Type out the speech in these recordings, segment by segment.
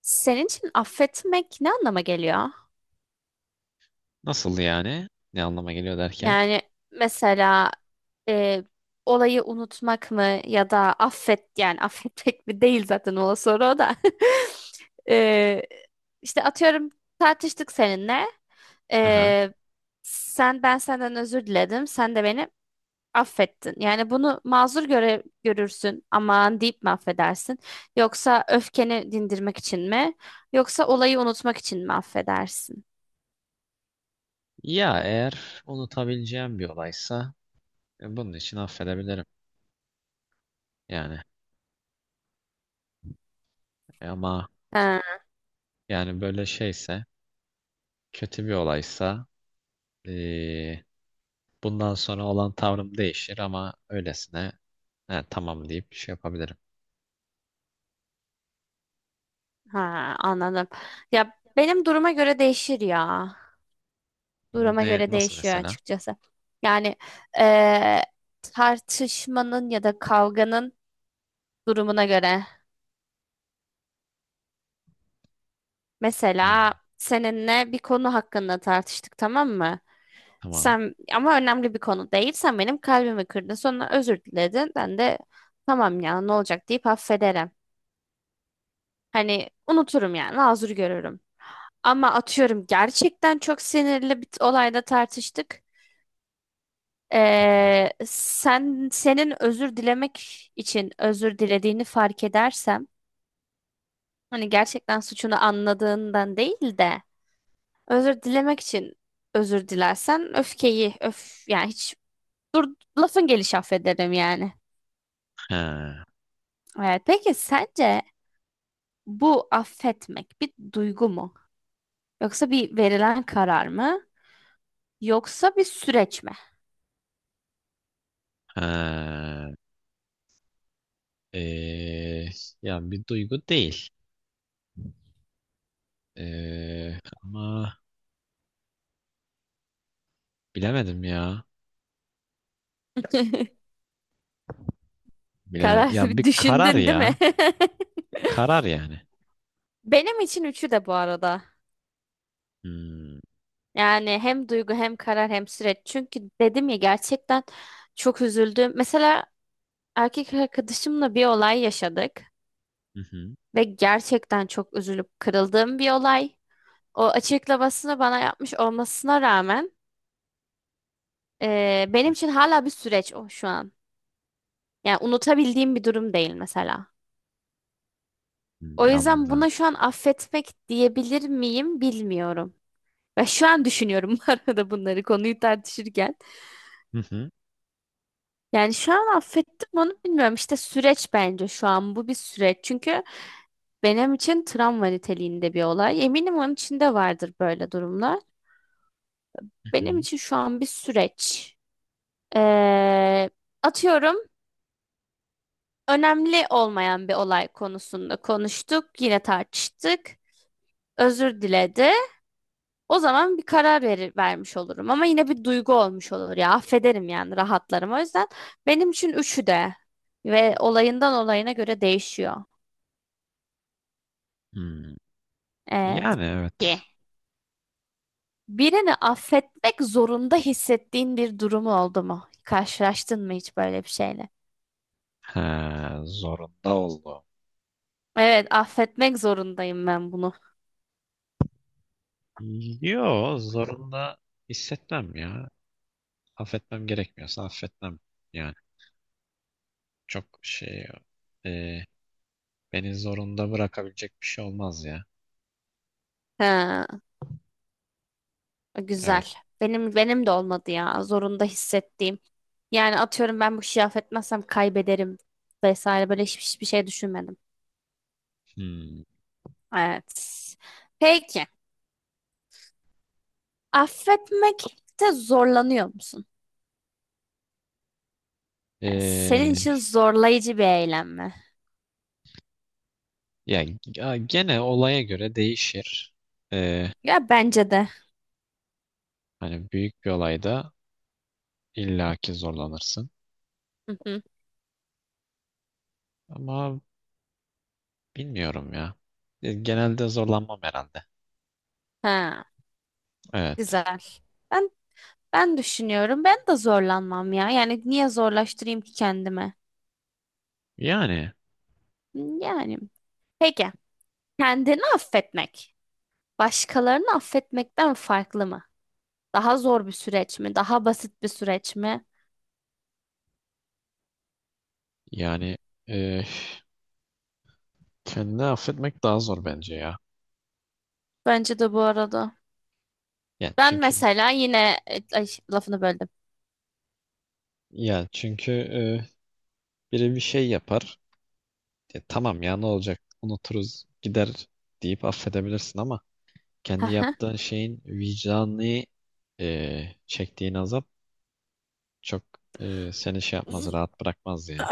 Senin için affetmek ne anlama geliyor? Nasıl yani? Ne anlama geliyor derken? Yani mesela e, olayı unutmak mı ya da affet yani affetmek mi değil zaten o soru o da. E, işte atıyorum tartıştık seninle. Aha. E, sen Ben senden özür diledim. Sen de beni affettin. Yani bunu mazur göre görürsün. Aman deyip mi affedersin? Yoksa öfkeni dindirmek için mi? Yoksa olayı unutmak için mi affedersin? Ya, eğer unutabileceğim bir olaysa bunun için affedebilirim. Yani. Ama yani böyle şeyse, kötü bir olaysa, e, bundan sonra olan tavrım değişir, ama öylesine "He, tamam" deyip şey yapabilirim. Ha, anladım. Ya benim duruma göre değişir ya. Duruma Ne göre nasıl değişiyor mesela? açıkçası. Yani eee, tartışmanın ya da kavganın durumuna göre. Mesela Hmm, seninle bir konu hakkında tartıştık, tamam mı? tamam. Sen ama önemli bir konu değil. Sen benim kalbimi kırdın. Sonra özür diledin. Ben de tamam ya ne olacak deyip affederim. Hani unuturum yani mazur görürüm. Ama atıyorum gerçekten çok sinirli bir olayda tartıştık. Hı hı. Senin özür dilemek için özür dilediğini fark edersem, hani gerçekten suçunu anladığından değil de özür dilemek için özür dilersen öfkeyi öf yani hiç dur lafın gelişi affederim yani. Ha, Evet, peki sence bu affetmek bir duygu mu? Yoksa bir verilen karar mı? Yoksa bir süreç mi? ha. E, Yani bir duygu değil. Ama bilemedim ya. Karar, Ya, bir bir karar düşündün değil mi? ya. Karar yani. Benim için üçü de bu arada. Hmm. Yani hem duygu hem karar hem süreç. Çünkü dedim ya, gerçekten çok üzüldüm. Mesela erkek arkadaşımla bir olay yaşadık Hı hı. ve gerçekten çok üzülüp kırıldığım bir olay. O açıklamasını bana yapmış olmasına rağmen benim için hala bir süreç o şu an. Yani unutabildiğim bir durum değil mesela. Hmm, O yüzden anladım. buna şu an affetmek diyebilir miyim bilmiyorum. Ve şu an düşünüyorum bu arada bunları konuyu tartışırken. Hı hı. Yani şu an affettim onu bilmiyorum. İşte süreç, bence şu an bu bir süreç. Çünkü benim için travma niteliğinde bir olay. Eminim onun içinde vardır böyle durumlar. Hı Benim hı. için şu an bir süreç. Ee, atıyorum önemli olmayan bir olay konusunda konuştuk. Yine tartıştık. Özür diledi. O zaman bir karar vermiş olurum. Ama yine bir duygu olmuş olur ya. Affederim yani rahatlarım. O yüzden benim için üçü de ve olayından olayına göre değişiyor. Hmm. Evet. Yani Ye. evet. Birini affetmek zorunda hissettiğin bir durumu oldu mu? Karşılaştın mı hiç böyle bir şeyle? Ha, zorunda oldu. Evet, affetmek zorundayım ben bunu. Yo, zorunda hissetmem ya. Affetmem gerekmiyorsa affetmem. Yani çok şey, e, beni zorunda bırakabilecek bir şey olmaz ya. Ha, Evet. güzel. Benim de olmadı ya. Zorunda hissettiğim. Yani atıyorum ben bu kişiyi affetmezsem kaybederim vesaire böyle hiçbir şey düşünmedim. Hmm. Evet. Peki. Affetmekte zorlanıyor musun? Yani senin E, için zorlayıcı bir eylem mi? Ya, ya gene olaya göre değişir. E, Ya bence de. Hani büyük bir olayda İlla ki zorlanırsın. Hı hı. Ama bilmiyorum ya. Genelde zorlanmam herhalde. Ha. Evet. Güzel. Ben ben düşünüyorum. Ben de zorlanmam ya. Yani niye zorlaştırayım ki kendime? Yani Hmm, yani. Peki. Kendini affetmek. Başkalarını affetmekten farklı mı? Daha zor bir süreç mi? Daha basit bir süreç mi? yani e, kendini affetmek daha zor bence ya. Bence de bu arada. Yani Ben çünkü, mesela yine lafını böldüm. ya çünkü biri bir şey yapar. Tamam ya, ne olacak? Unuturuz, gider deyip affedebilirsin, ama kendi yaptığın şeyin vicdanı, çektiğin azap çok, seni şey yapmaz, rahat bırakmaz ya.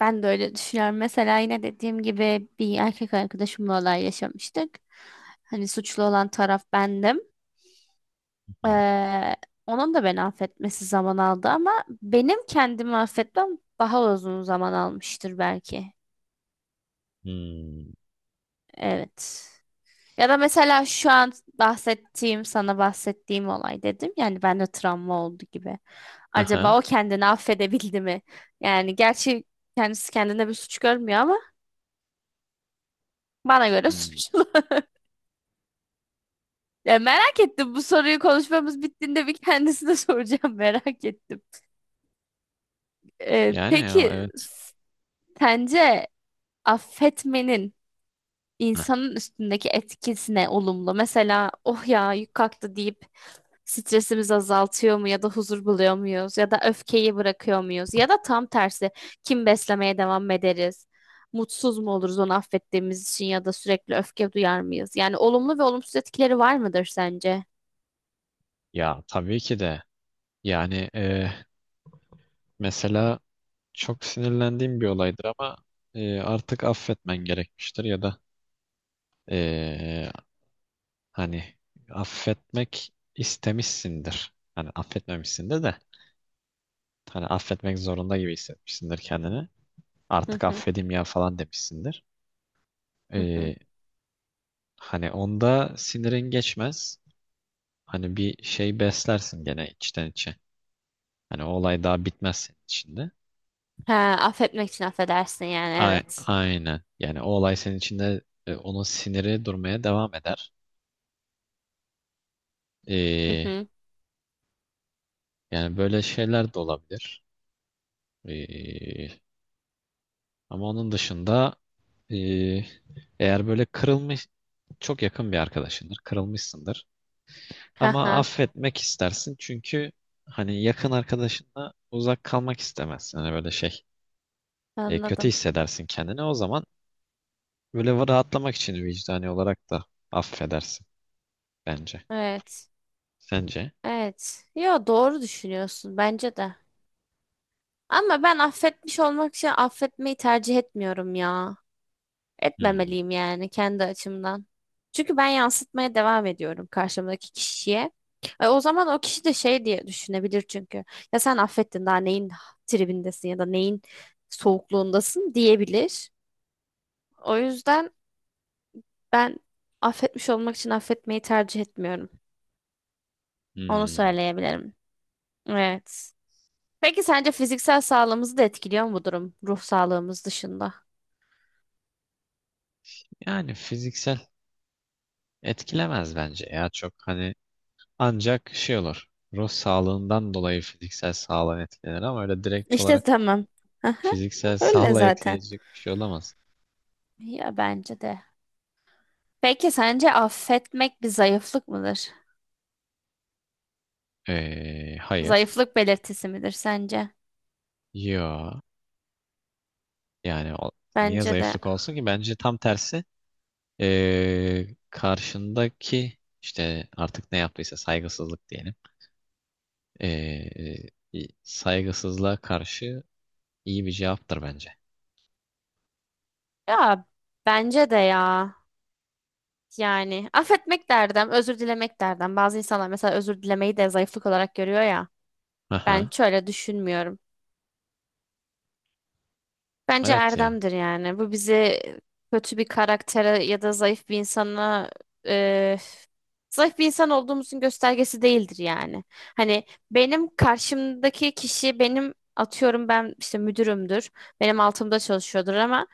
Ben de öyle düşünüyorum. Mesela yine dediğim gibi bir erkek arkadaşımla olay yaşamıştık. Hani suçlu olan taraf bendim. Hı. Ee, onun da beni affetmesi zaman aldı ama benim kendimi affetmem daha uzun zaman almıştır belki. Hmm. Evet. Ya da mesela şu an bahsettiğim, sana bahsettiğim olay dedim. Yani bende travma oldu gibi. Aha. Acaba o kendini affedebildi mi? Yani gerçi kendisi kendine bir suç görmüyor ama bana göre Hmm. suçlu. Ya merak ettim, bu soruyu konuşmamız bittiğinde bir kendisine soracağım, merak ettim. Yani, ya, Peki evet. Sence affetmenin Heh. insanın üstündeki etkisine olumlu. Mesela oh ya yük kalktı deyip stresimizi azaltıyor mu ya da huzur buluyor muyuz ya da öfkeyi bırakıyor muyuz ya da tam tersi kim beslemeye devam ederiz? Mutsuz mu oluruz onu affettiğimiz için ya da sürekli öfke duyar mıyız? Yani olumlu ve olumsuz etkileri var mıdır sence? Ya, tabii ki de. Yani mesela çok sinirlendiğim bir olaydır, ama artık affetmen gerekmiştir, ya da e, hani affetmek istemişsindir. Hani affetmemişsindir de hani affetmek zorunda gibi hissetmişsindir kendini. Hı Artık hı, affedeyim ya falan demişsindir. hı hı. E, Hani onda sinirin geçmez. Hani bir şey beslersin gene içten içe. Hani o olay daha bitmez senin içinde. Ha, affetmek için affedersin yani evet. Aynen. Yani o olay senin içinde, onun siniri durmaya devam eder. Hı Ee, hı. Yani böyle şeyler de olabilir. Ee, Ama onun dışında, e, eğer böyle kırılmış çok yakın bir arkadaşındır, kırılmışsındır. Ha Ama ha, affetmek istersin çünkü hani yakın arkadaşınla uzak kalmak istemezsin. Hani böyle şey, kötü anladım. hissedersin kendini. O zaman böyle rahatlamak için vicdani olarak da affedersin bence. Evet. Sence? Evet. Ya doğru düşünüyorsun bence de. Ama ben affetmiş olmak için affetmeyi tercih etmiyorum ya. Hmm. Etmemeliyim yani kendi açımdan. Çünkü ben yansıtmaya devam ediyorum karşımdaki kişiye. E, o zaman o kişi de şey diye düşünebilir çünkü. Ya sen affettin, daha neyin tribindesin ya da neyin soğukluğundasın diyebilir. O yüzden ben affetmiş olmak için affetmeyi tercih etmiyorum. Onu Hmm. söyleyebilirim. Evet. Peki sence fiziksel sağlığımızı da etkiliyor mu bu durum, ruh sağlığımız dışında? Yani fiziksel etkilemez bence ya, çok hani ancak şey olur. Ruh sağlığından dolayı fiziksel sağlığa etkilenir, ama öyle direkt İşte olarak tamam. Aha, fiziksel öyle sağlığa zaten. etkileyecek bir şey olamaz. Ya bence de. Peki sence affetmek bir zayıflık mıdır? Hayır. Zayıflık belirtisi midir sence? Yo. Yani niye Bence de. zayıflık olsun ki? Bence tam tersi. Karşındaki işte artık ne yaptıysa saygısızlık diyelim. Ee, Saygısızlığa karşı iyi bir cevaptır bence. Ya bence de ya. Yani affetmek derdim, özür dilemek derdim. Bazı insanlar mesela özür dilemeyi de zayıflık olarak görüyor ya. Ben Aha. şöyle düşünmüyorum. Bence Evet ya. erdemdir yani. Bu bizi kötü bir karaktere ya da zayıf bir insana e, zayıf bir insan olduğumuzun göstergesi değildir yani. Hani benim karşımdaki kişi benim atıyorum ben işte müdürümdür. Benim altımda çalışıyordur ama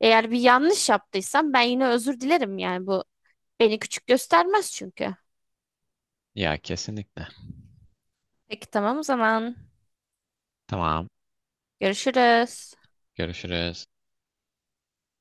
eğer bir yanlış yaptıysam ben yine özür dilerim yani bu beni küçük göstermez çünkü. Ya kesinlikle. Peki tamam o zaman. Tamam. Görüşürüz. Görüşürüz.